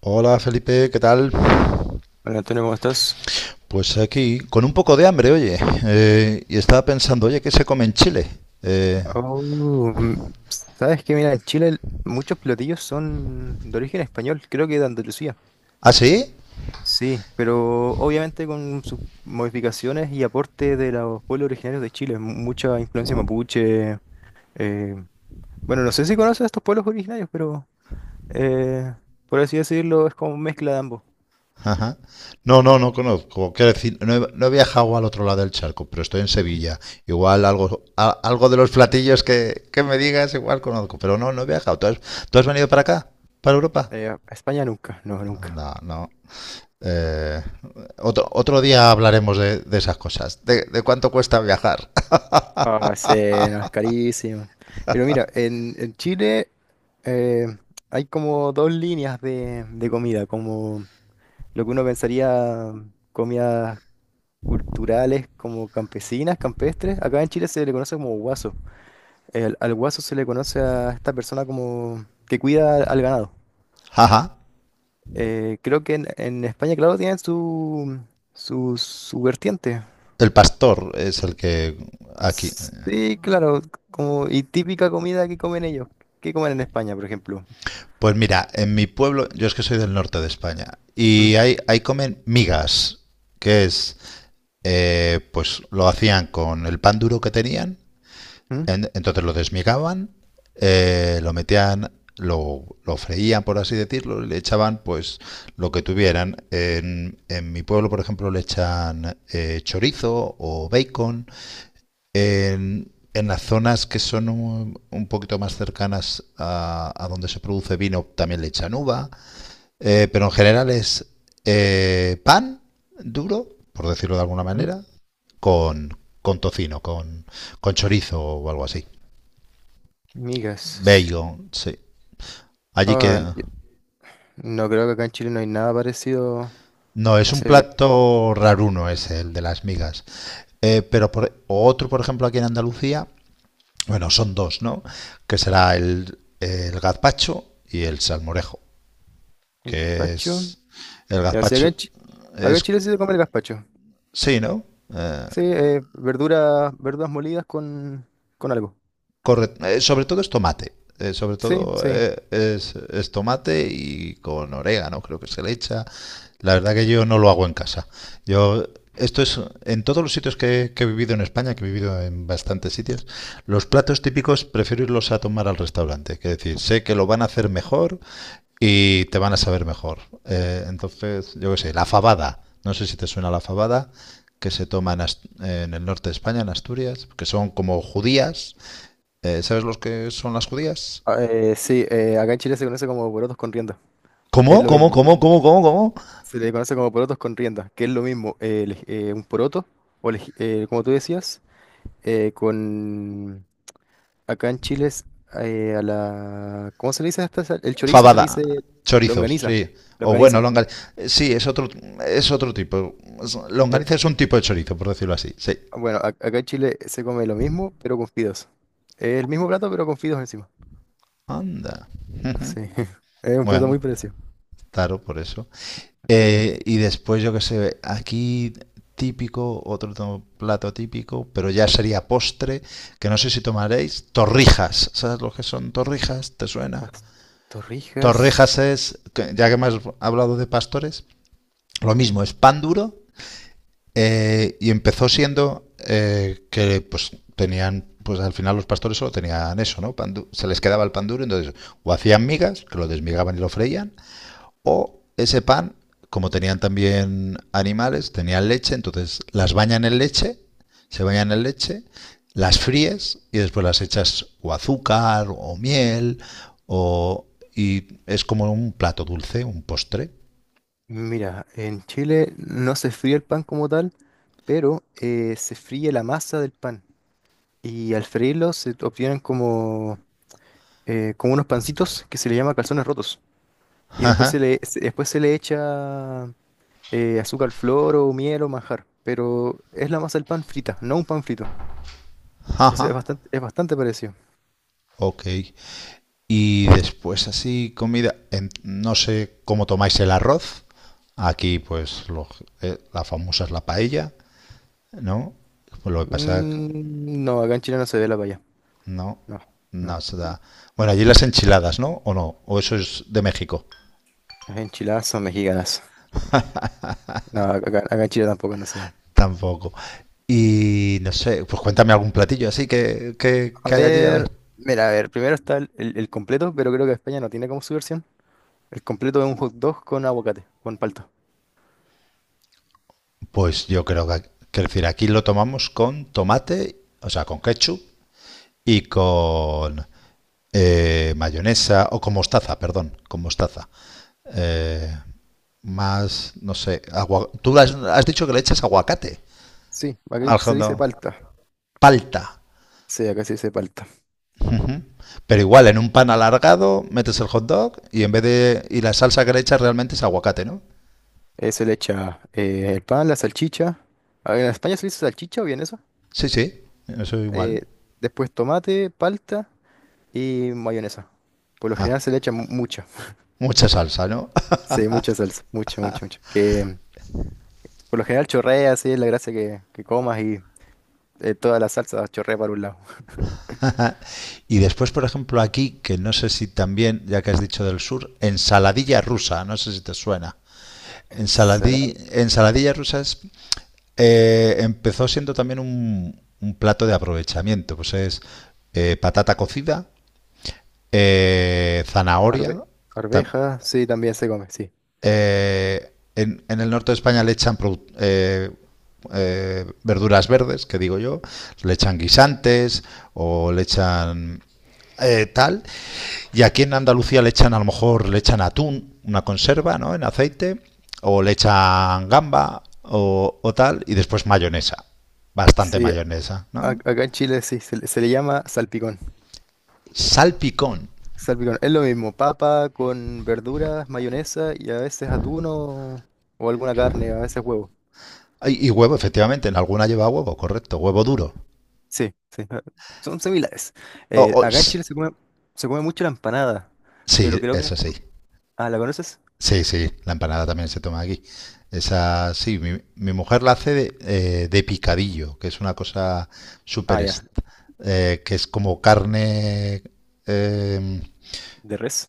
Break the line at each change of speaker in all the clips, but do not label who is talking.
Hola Felipe, ¿qué tal?
Hola Antonio, ¿cómo estás?
Pues aquí, con un poco de hambre, oye. Y estaba pensando, oye, ¿qué se come en Chile? Eh,
Oh, mm, sabes que mira, en Chile muchos platillos son de origen español, creo que de Andalucía.
¿Ah, sí?
Sí, pero obviamente con sus modificaciones y aporte de los pueblos originarios de Chile, mucha influencia mapuche. eh, bueno, no sé si conoces a estos pueblos originarios, pero eh, por así decirlo, es como mezcla de ambos.
Ajá. No, no, no conozco. Quiero decir, no he viajado al otro lado del charco, pero estoy en Sevilla. Igual algo, algo de los platillos que me digas, igual conozco. Pero no, no he viajado. ¿Tú has venido para acá? ¿Para Europa?
A España nunca, no,
No,
nunca.
no, no. Eh, otro día hablaremos de esas cosas, de cuánto cuesta viajar.
Ah, sí, no, es carísimo. Pero mira, en Chile eh, hay como dos líneas de comida, como lo que uno pensaría comidas culturales como campesinas, campestres. Acá en Chile se le conoce como guaso. Al guaso se le conoce a esta persona como que cuida al ganado.
Ajá.
Creo que en España, claro, tienen su vertiente.
El pastor es el que aquí.
Sí, claro, como y típica comida que comen ellos. ¿Qué comen en España, por ejemplo?
Pues mira, en mi pueblo, yo es que soy del norte de España,
¿Mm?
y ahí comen migas, que es, pues lo hacían con el pan duro que tenían,
¿Mm?
entonces lo desmigaban, lo metían, lo freían, por así decirlo, y le echaban pues lo que tuvieran. En mi pueblo, por ejemplo, le echan chorizo o bacon. En las zonas que son un poquito más cercanas a donde se produce vino también le echan uva, pero en general es pan duro, por decirlo de alguna
¿Mm?
manera, con, con tocino, con chorizo o algo así.
Migas.
Bacon, sí. Allí que...
Ah, no creo que acá en Chile no hay nada parecido
No,
a
es un
ese plato.
plato raruno ese, el de las migas. Pero por, otro, por ejemplo, aquí en Andalucía, bueno, son dos, ¿no? Que será el gazpacho y el salmorejo, que
Gazpacho.
es el
Ya, sí,
gazpacho
acá en
es
Chile sí se come el gazpacho.
sí, ¿no? Eh,
Sí, verduras, verduras molidas con algo.
Corre, sobre todo es tomate, sobre
Sí,
todo
sí.
es tomate y con orégano creo que se le echa. La verdad que yo no lo hago en casa. Yo esto es en todos los sitios que he vivido en España, que he vivido en bastantes sitios, los platos típicos prefiero irlos a tomar al restaurante. Que decir, sé que lo van a hacer mejor y te van a saber mejor. Entonces, yo qué sé, la fabada. No sé si te suena la fabada, que se toma en, en el norte de España, en Asturias, que son como judías. ¿Sabes los que son las judías?
Ah, sí, acá en Chile se conoce como porotos con rienda. Es
¿Cómo?
lo
¿Cómo?
mismo.
¿Cómo? ¿Cómo? ¿Cómo? ¿Cómo?
Se le conoce como porotos con rienda, que es lo mismo. Un poroto, o como tú decías. Con acá en Chile es, a la ¿cómo se le dice a esta El chorizo se le
Fabada.
dice
Chorizos,
longaniza,
sí. O bueno,
longaniza.
longaniza. Sí, es otro tipo.
Eh,
Longaniza es un tipo de chorizo, por decirlo así. Sí.
Acá en Chile se come lo mismo, pero con fideos. El mismo plato, pero con fideos encima.
Anda.
Sí, es un plato
Bueno,
muy parecido.
claro, por eso.
Eh,
Y después, yo qué sé, aquí típico, plato típico, pero ya sería postre, que no sé si tomaréis, torrijas. ¿Sabes lo que son torrijas? ¿Te suena?
las
Torrijas
torrijas,
es, ya que hemos hablado de pastores, lo mismo, es pan duro y empezó siendo que pues tenían, pues al final los pastores solo tenían eso, ¿no? Se les quedaba el pan duro, entonces o hacían migas, que lo desmigaban y lo freían, o ese pan, como tenían también animales, tenían leche, entonces las bañan en leche, se bañan en leche, las fríes y después las echas o azúcar o miel o... Y es como un plato dulce, un postre.
mira, en Chile no se fríe el pan como tal, pero se fríe la masa del pan y al freírlo se obtienen como como unos pancitos que se le llama calzones rotos. Y
Jaja,
después después se le echa azúcar al flor o miel o manjar. Pero es la masa del pan frita, no un pan frito. Entonces
jaja.
es bastante parecido.
Ok. Y después así comida, no sé cómo tomáis el arroz. Aquí pues la famosa es la paella, ¿no? Pues lo que pasa.
Mm, no, acá en Chile no se ve la paya.
No,
No, no.
no se da. Bueno, allí las enchiladas, ¿no? ¿O no? ¿O eso es de México?
Las enchiladas son mexicanas. No, acá en Chile tampoco no se ven.
Tampoco. Y no sé, pues cuéntame algún platillo así
A
que hay allí, a ver.
ver, mira, a ver, primero está el completo, pero creo que España no tiene como su versión. El completo es un hot dog con aguacate, con palta.
Pues yo creo que decir, aquí lo tomamos con tomate, o sea, con ketchup y con mayonesa, o con mostaza, perdón, con mostaza. Eh, más, no sé, agua... has dicho que le echas aguacate
Sí, aquí
al
se dice
fondo.
palta.
Palta.
Sí, acá se dice palta.
Ujú. Pero igual, en un pan alargado metes el hot dog y en vez de. Y la salsa que le echas realmente es aguacate, ¿no?
Se le echa el pan, la salchicha. A ver, ¿en España se le dice salchicha o vienesa?
Sí, sí, eso igual.
Eh, Después tomate, palta y mayonesa. Por lo
Ah,
general se le echa mucha.
mucha salsa, ¿no?
Sí, mucha salsa. Mucha, mucha, mucha. Que por lo general chorrea, sí, es la gracia que comas y toda la salsa chorrea para un lado.
Y después, por ejemplo, aquí, que no sé si también, ya que has dicho del sur, ensaladilla rusa, no sé si te suena.
Ensalada,
Ensaladilla rusa es, empezó siendo también un plato de aprovechamiento, pues es patata cocida, zanahoria,
arve-
tam-
arveja, sí, también se come, sí.
En el norte de España le echan verduras verdes, que digo yo, le echan guisantes o le echan tal. Y aquí en Andalucía le echan, a lo mejor, le echan atún, una conserva, ¿no? En aceite, o le echan gamba o tal, y después mayonesa, bastante
Sí,
mayonesa, ¿no?
acá en Chile sí, se le llama salpicón.
Salpicón.
Salpicón, es lo mismo, papa con verduras, mayonesa y a veces atún o alguna carne, a veces huevo.
Y huevo, efectivamente, en alguna lleva huevo, correcto, huevo duro.
Sí, sí, son similares.
O,
Acá en Chile se come mucho la empanada, pero
sí,
creo que...
eso sí.
Ah, ¿la conoces?
Sí, sí, la empanada también se toma aquí. Esa, sí, mi mujer la hace de picadillo, que es una cosa
Ah,
súper,
ya,
que es como carne, em,
de res,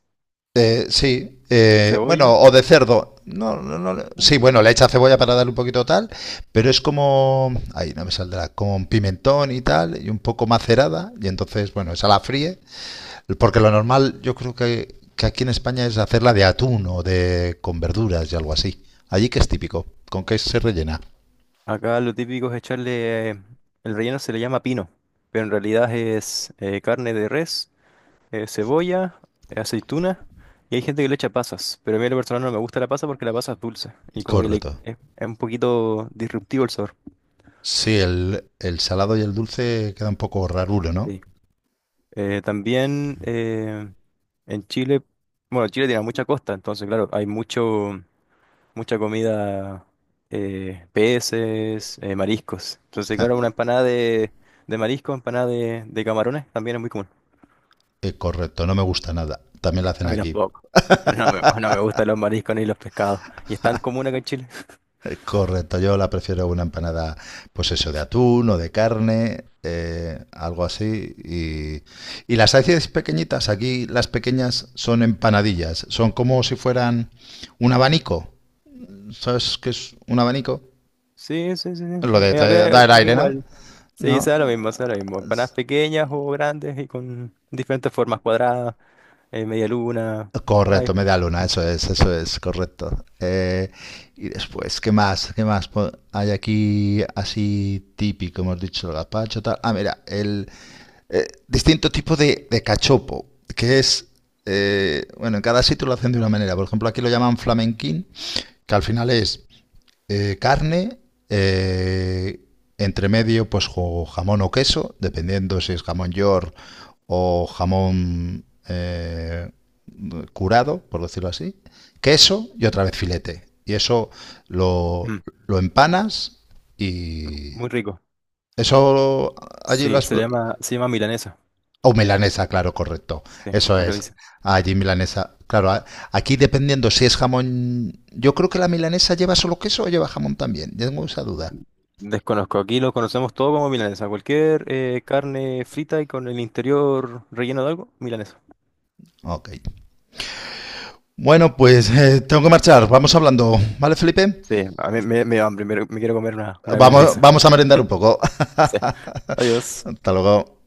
sí,
cebolla.
bueno, o de cerdo. No, no, no, sí,
¿No?
bueno, le echa cebolla para darle un poquito tal, pero es como, ahí no me saldrá, con pimentón y tal, y un poco macerada, y entonces, bueno, esa la fríe porque lo normal, yo creo que aquí en España es hacerla de atún o de con verduras y algo así. Allí que es típico, ¿con qué se rellena?
Acá lo típico es echarle... El relleno se le llama pino, pero en realidad es carne de res. Cebolla, aceituna, y hay gente que le echa pasas, pero a mí en lo personal no me gusta la pasa porque la pasa es dulce y como que
Correcto.
es un poquito disruptivo el sabor.
Sí, el salado y el dulce queda un poco raruro, ¿no?
Sí. También En Chile, bueno, Chile tiene mucha costa, entonces claro, hay mucho, mucha comida, peces, mariscos. Entonces claro, una empanada de marisco, empanada de camarones también es muy común.
Correcto, no me gusta nada. También la hacen
A mí
aquí.
tampoco. No me, no me gustan los mariscos ni los pescados. Y es tan común acá en Chile.
Correcto, yo la prefiero una empanada, pues eso, de atún o de carne, algo así. Y las hacéis pequeñitas, aquí las pequeñas son empanadillas, son como si fueran un abanico. ¿Sabes qué es un abanico?
Sí, sí, sí. Sí.
Dar
Acá
aire, ¿no?
igual.
¿No?
Sí, sea lo mismo, sea lo mismo. Empanadas pequeñas o grandes y con diferentes formas cuadradas, media luna. Ay,
Correcto, media luna,
mm,
eso es, correcto. Y después, ¿qué más? ¿Hay aquí así típico? Hemos dicho el gazpacho, tal. Ah, mira, el distinto tipo de cachopo, que es, bueno, en cada sitio lo hacen de una manera. Por ejemplo, aquí lo llaman flamenquín, que al final es carne, eh, entre medio pues jamón o queso, dependiendo si es jamón york o jamón curado, por decirlo así, queso y otra vez filete. Y eso lo,
mm,
lo empanas y
muy rico.
eso allí lo
Sí,
has...
se llama milanesa.
O milanesa, claro, correcto.
Sí,
Eso
acá
es.
le dicen.
Allí milanesa. Claro, aquí dependiendo si es jamón... Yo creo que la milanesa lleva solo queso o lleva jamón también. Tengo esa duda.
Desconozco. Aquí lo conocemos todo como milanesa. Cualquier carne frita y con el interior relleno de algo, milanesa.
Ok. Bueno, pues tengo que marchar. Vamos hablando, ¿vale, Felipe?
Sí, a mí me da hambre, me quiero comer una
Vamos,
milanesa.
vamos a merendar un poco.
Sí. Adiós.
Hasta luego.